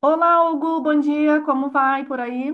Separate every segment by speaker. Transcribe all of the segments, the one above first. Speaker 1: Olá, Hugo, bom dia, como vai por aí?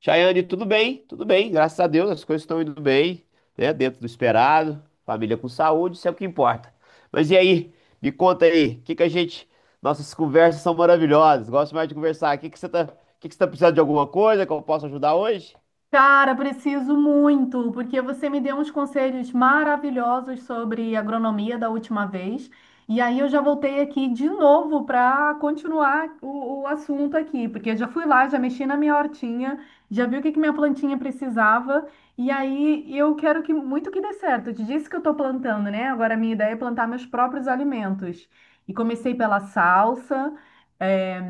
Speaker 2: Chayane, tudo bem? Tudo bem, graças a Deus, as coisas estão indo bem, né? Dentro do esperado, família com saúde, isso é o que importa. Mas e aí, me conta aí, o que que a gente. Nossas conversas são maravilhosas, gosto mais de conversar. O que que você tá, o que que você tá precisando de alguma coisa que eu possa ajudar hoje?
Speaker 1: Cara, preciso muito, porque você me deu uns conselhos maravilhosos sobre agronomia da última vez, e aí eu já voltei aqui de novo para continuar o assunto aqui, porque eu já fui lá, já mexi na minha hortinha, já vi o que que minha plantinha precisava, e aí eu quero que muito que dê certo. Eu te disse que eu estou plantando, né? Agora a minha ideia é plantar meus próprios alimentos. E comecei pela salsa, eh,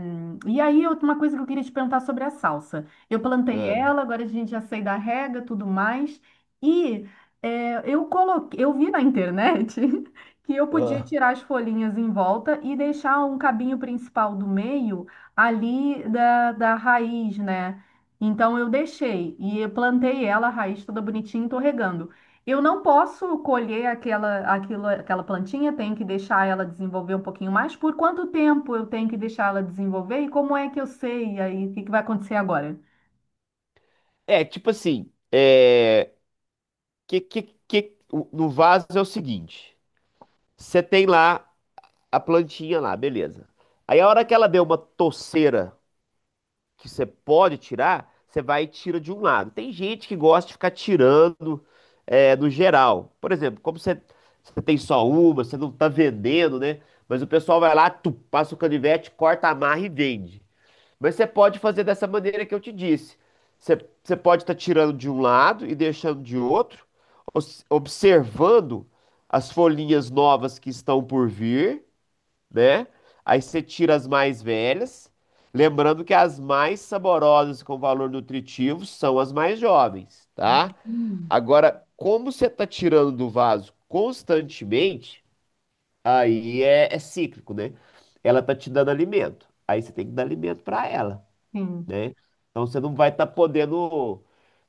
Speaker 1: e aí uma coisa que eu queria te perguntar sobre a salsa. Eu plantei
Speaker 2: Ah,
Speaker 1: ela, agora a gente já sei da rega, tudo mais. E é, eu coloquei, eu vi na internet que eu podia
Speaker 2: ah.
Speaker 1: tirar as folhinhas em volta e deixar um cabinho principal do meio ali da raiz, né? Então eu deixei e eu plantei ela, a raiz toda bonitinha, e tô regando. Eu não posso colher aquela, aquilo, aquela plantinha, tenho que deixar ela desenvolver um pouquinho mais. Por quanto tempo eu tenho que deixar ela desenvolver? E como é que eu sei? E aí, o que que vai acontecer agora?
Speaker 2: É, tipo assim, é, no vaso é o seguinte: você tem lá a plantinha lá, beleza. Aí a hora que ela deu uma toceira que você pode tirar, você vai e tira de um lado. Tem gente que gosta de ficar tirando no geral. Por exemplo, como você, você tem só uma, você não tá vendendo, né? Mas o pessoal vai lá, tu, passa o canivete, corta, amarra e vende. Mas você pode fazer dessa maneira que eu te disse. Você, você pode estar tirando de um lado e deixando de outro, observando as folhinhas novas que estão por vir, né? Aí você tira as mais velhas, lembrando que as mais saborosas com valor nutritivo são as mais jovens, tá?
Speaker 1: Hum.
Speaker 2: Agora, como você tá tirando do vaso constantemente, aí é cíclico, né? Ela tá te dando alimento, aí você tem que dar alimento para ela,
Speaker 1: Sim.
Speaker 2: né? Então você não vai estar podendo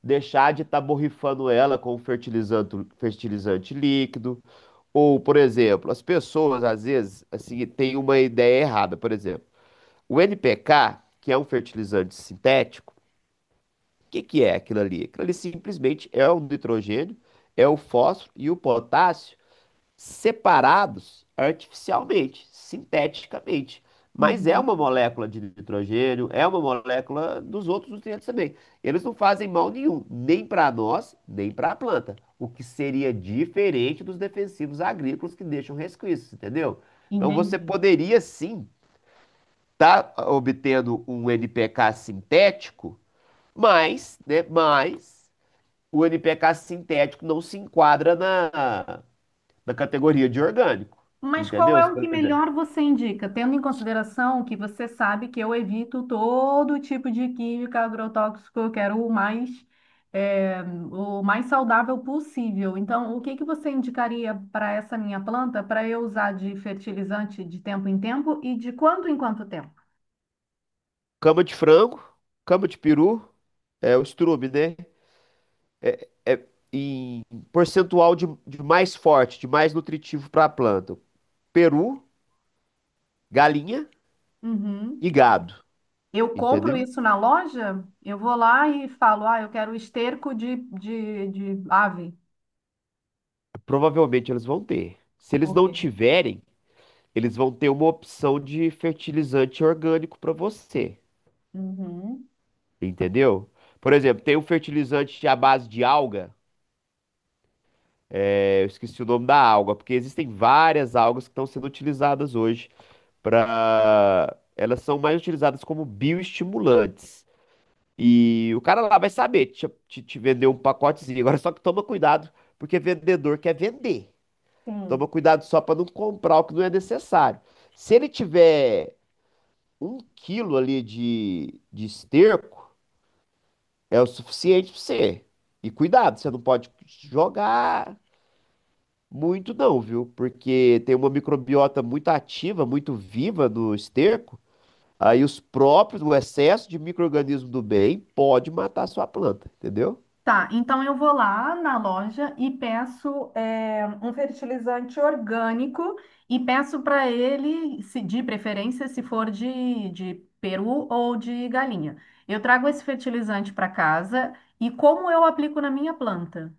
Speaker 2: deixar de estar borrifando ela com fertilizante, fertilizante líquido. Ou, por exemplo, as pessoas às vezes assim têm uma ideia errada. Por exemplo, o NPK, que é um fertilizante sintético, o que que é aquilo ali? Aquilo ali simplesmente é o nitrogênio, é o fósforo e o potássio separados artificialmente, sinteticamente. Mas é
Speaker 1: Uhum.
Speaker 2: uma molécula de nitrogênio, é uma molécula dos outros nutrientes também. Eles não fazem mal nenhum, nem para nós, nem para a planta. O que seria diferente dos defensivos agrícolas que deixam resquícios, entendeu? Então você
Speaker 1: Entendi.
Speaker 2: poderia sim estar tá obtendo um NPK sintético, mas, né, mas o NPK sintético não se enquadra na, da categoria de orgânico,
Speaker 1: Mas qual
Speaker 2: entendeu?
Speaker 1: é o que
Speaker 2: Por exemplo,
Speaker 1: melhor você indica, tendo em consideração que você sabe que eu evito todo tipo de química agrotóxico, eu quero o mais, eh, o mais saudável possível. Então, o que que você indicaria para essa minha planta para eu usar de fertilizante de tempo em tempo e de quanto em quanto tempo?
Speaker 2: cama de frango, cama de peru, é o estrume, né? É em percentual de mais forte, de mais nutritivo para a planta. Peru, galinha
Speaker 1: Uhum.
Speaker 2: e gado,
Speaker 1: Eu compro
Speaker 2: entendeu?
Speaker 1: isso na loja, eu vou lá e falo, ah, eu quero esterco de ave.
Speaker 2: Provavelmente eles vão ter. Se eles
Speaker 1: Ok.
Speaker 2: não tiverem, eles vão ter uma opção de fertilizante orgânico para você,
Speaker 1: Uhum,
Speaker 2: entendeu? Por exemplo, tem um fertilizante à base de alga. Eu esqueci o nome da alga, porque existem várias algas que estão sendo utilizadas hoje para. Elas são mais utilizadas como bioestimulantes. E o cara lá vai saber te vender um pacotezinho. Agora só que toma cuidado, porque vendedor quer vender. Toma
Speaker 1: sim.
Speaker 2: cuidado só para não comprar o que não é necessário. Se ele tiver um quilo ali de esterco, é o suficiente para você. E cuidado, você não pode jogar. Muito não, viu? Porque tem uma microbiota muito ativa, muito viva no esterco. Aí os próprios, o excesso de micro-organismo do bem pode matar a sua planta, entendeu?
Speaker 1: Tá, então eu vou lá na loja e peço é, um fertilizante orgânico e peço para ele, se de preferência, se for de peru ou de galinha. Eu trago esse fertilizante para casa e como eu aplico na minha planta?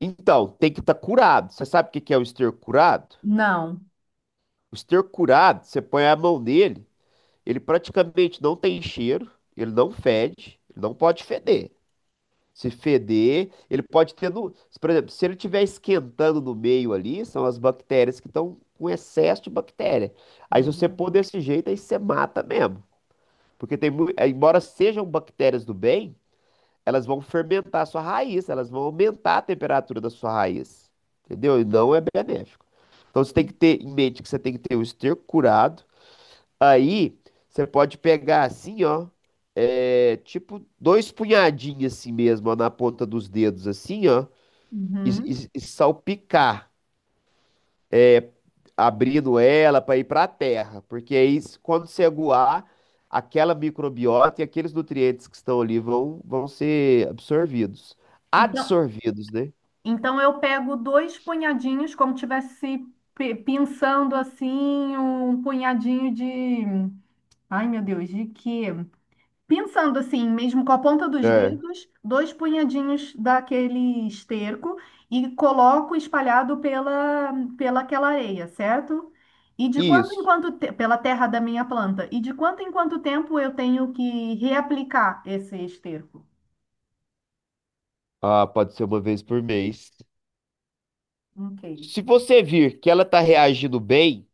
Speaker 2: Então, tem que estar curado. Você sabe o que que é o esterco curado?
Speaker 1: Não.
Speaker 2: O esterco curado, você põe a mão nele, ele praticamente não tem cheiro, ele não fede, ele não pode feder. Se feder, ele pode ter no, por exemplo, se ele estiver esquentando no meio ali, são as bactérias que estão com excesso de bactéria. Aí se você pôr
Speaker 1: Uhum.
Speaker 2: desse jeito, aí você mata mesmo. Porque tem, embora sejam bactérias do bem, elas vão fermentar a sua raiz, elas vão aumentar a temperatura da sua raiz. Entendeu? E não é benéfico. Então você tem que ter em mente que você tem que ter o esterco curado. Aí você pode pegar assim, ó, tipo dois punhadinhos assim mesmo, ó, na ponta dos dedos, assim, ó, e,
Speaker 1: Uhum.
Speaker 2: e salpicar, é, abrindo ela para ir para a terra, porque aí quando você aguar, aquela microbiota e aqueles nutrientes que estão ali vão, vão ser absorvidos,
Speaker 1: Então,
Speaker 2: adsorvidos, né?
Speaker 1: então eu pego dois punhadinhos, como tivesse pinçando assim, um punhadinho de. Ai, meu Deus, de quê? Pensando assim, mesmo com a ponta dos
Speaker 2: É,
Speaker 1: dedos, dois punhadinhos daquele esterco e coloco espalhado pela, pela aquela areia, certo? E de quanto em
Speaker 2: isso.
Speaker 1: quanto pela terra da minha planta, e de quanto em quanto tempo eu tenho que reaplicar esse esterco?
Speaker 2: Ah, pode ser uma vez por mês.
Speaker 1: Ok,
Speaker 2: Se você vir que ela tá reagindo bem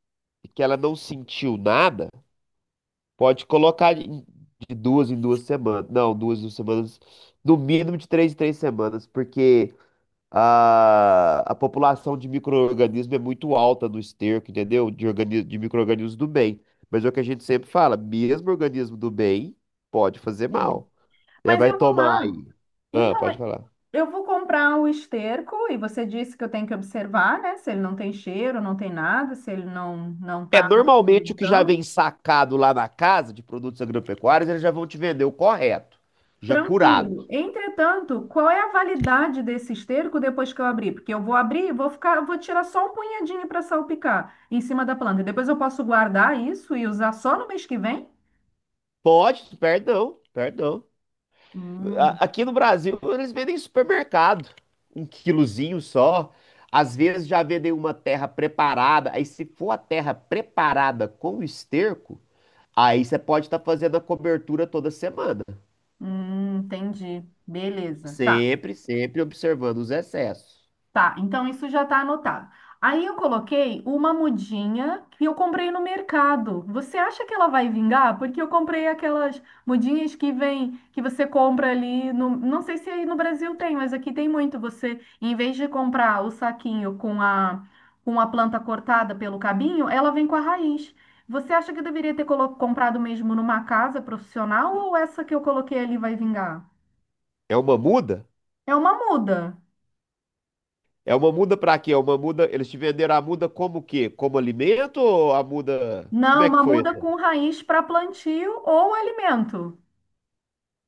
Speaker 2: e que ela não sentiu nada, pode colocar de duas em duas semanas. Não, duas em duas semanas. No mínimo de três em três semanas, porque a população de micro-organismos é muito alta no esterco, entendeu? De de micro-organismos do bem. Mas é o que a gente sempre fala, mesmo organismo do bem pode fazer
Speaker 1: sim.
Speaker 2: mal. Né?
Speaker 1: Mas
Speaker 2: Vai
Speaker 1: eu vou
Speaker 2: tomar
Speaker 1: lá.
Speaker 2: aí. Ah,
Speaker 1: Então,
Speaker 2: pode falar.
Speaker 1: eu vou comprar o esterco e você disse que eu tenho que observar, né? Se ele não tem cheiro, não tem nada, se ele não
Speaker 2: É,
Speaker 1: está
Speaker 2: normalmente o que já vem sacado lá na casa de produtos agropecuários, eles já vão te vender o correto, já curado.
Speaker 1: tranquilo. Entretanto, qual é a validade desse esterco depois que eu abrir? Porque eu vou abrir, e vou ficar, vou tirar só um punhadinho para salpicar em cima da planta. E depois eu posso guardar isso e usar só no mês que vem?
Speaker 2: Pode, perdão, perdão.
Speaker 1: Hum,
Speaker 2: A- Aqui no Brasil, eles vendem em supermercado, um quilozinho só. Às vezes já vendem uma terra preparada. Aí, se for a terra preparada com esterco, aí você pode estar fazendo a cobertura toda semana.
Speaker 1: entendi. Beleza. Tá.
Speaker 2: Sempre, sempre observando os excessos.
Speaker 1: Tá, então isso já tá anotado. Aí eu coloquei uma mudinha que eu comprei no mercado. Você acha que ela vai vingar? Porque eu comprei aquelas mudinhas que vem, que você compra ali no, não sei se aí no Brasil tem, mas aqui tem muito. Você, em vez de comprar o saquinho com a planta cortada pelo cabinho, ela vem com a raiz. Você acha que eu deveria ter comprado mesmo numa casa profissional ou essa que eu coloquei ali vai vingar?
Speaker 2: É uma muda?
Speaker 1: É uma muda.
Speaker 2: É uma muda para quê? É uma muda. Eles te venderam a muda como o quê? Como alimento ou a muda. Como
Speaker 1: Não,
Speaker 2: é que
Speaker 1: uma
Speaker 2: foi
Speaker 1: muda
Speaker 2: essa?
Speaker 1: com raiz para plantio ou alimento.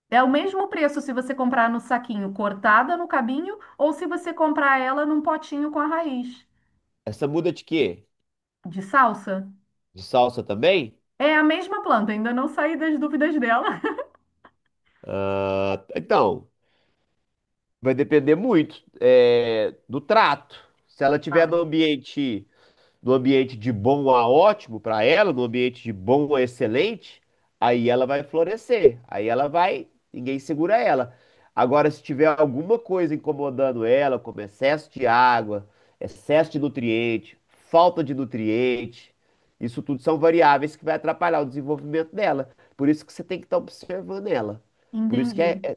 Speaker 1: É o mesmo preço se você comprar no saquinho cortada no cabinho ou se você comprar ela num potinho com a raiz
Speaker 2: Essa muda de quê?
Speaker 1: de salsa.
Speaker 2: De salsa também?
Speaker 1: É a mesma planta, ainda não saí das dúvidas dela.
Speaker 2: Ah, então. Vai depender muito do trato. Se ela tiver no
Speaker 1: Ah,
Speaker 2: ambiente, no ambiente de bom a ótimo para ela, no ambiente de bom a excelente, aí ela vai florescer. Aí ela vai, ninguém segura ela. Agora, se tiver alguma coisa incomodando ela, como excesso de água, excesso de nutriente, falta de nutriente, isso tudo são variáveis que vai atrapalhar o desenvolvimento dela. Por isso que você tem que estar observando ela. Por isso que é
Speaker 1: entendi.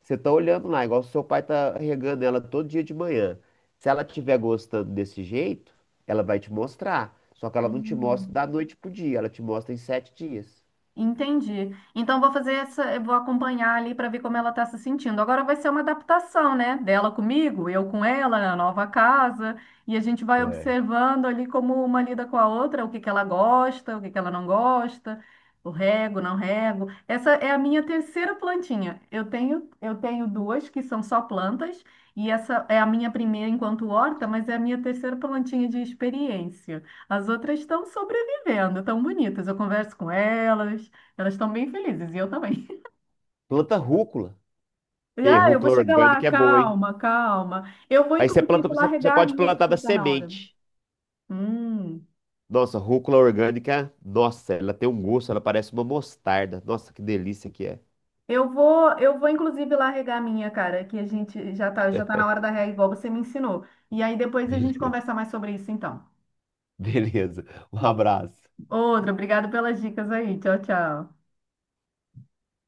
Speaker 2: você tá olhando lá, igual seu pai tá regando ela todo dia de manhã. Se ela tiver gostando desse jeito, ela vai te mostrar. Só que ela não te mostra
Speaker 1: Hum.
Speaker 2: da noite pro dia, ela te mostra em sete dias.
Speaker 1: Entendi. Então vou fazer essa, eu vou acompanhar ali para ver como ela está se sentindo. Agora vai ser uma adaptação, né? Dela comigo, eu com ela, na nova casa, e a gente vai
Speaker 2: É.
Speaker 1: observando ali como uma lida com a outra, o que que ela gosta, o que que ela não gosta, o rego, não rego. Essa é a minha terceira plantinha. Eu tenho duas que são só plantas, e essa é a minha primeira enquanto horta, mas é a minha terceira plantinha de experiência. As outras estão sobre vendo, tão bonitas. Eu converso com elas, elas estão bem felizes e eu também.
Speaker 2: Planta rúcula. E
Speaker 1: Ah, eu vou
Speaker 2: rúcula
Speaker 1: chegar lá,
Speaker 2: orgânica é boa, hein?
Speaker 1: calma, calma. Eu vou
Speaker 2: Aí você
Speaker 1: inclusive
Speaker 2: planta,
Speaker 1: lá
Speaker 2: você
Speaker 1: regar a
Speaker 2: pode
Speaker 1: minha que
Speaker 2: plantar da
Speaker 1: já tá na hora.
Speaker 2: semente.
Speaker 1: Hum.
Speaker 2: Nossa, rúcula orgânica, nossa, ela tem um gosto, ela parece uma mostarda. Nossa, que delícia que é.
Speaker 1: Eu vou inclusive lá regar a minha, cara, que a gente já tá na hora da rega igual você me ensinou. E aí depois a gente
Speaker 2: Beleza,
Speaker 1: conversa mais sobre isso então.
Speaker 2: beleza. Um abraço.
Speaker 1: Outra, obrigado pelas dicas aí. Tchau, tchau.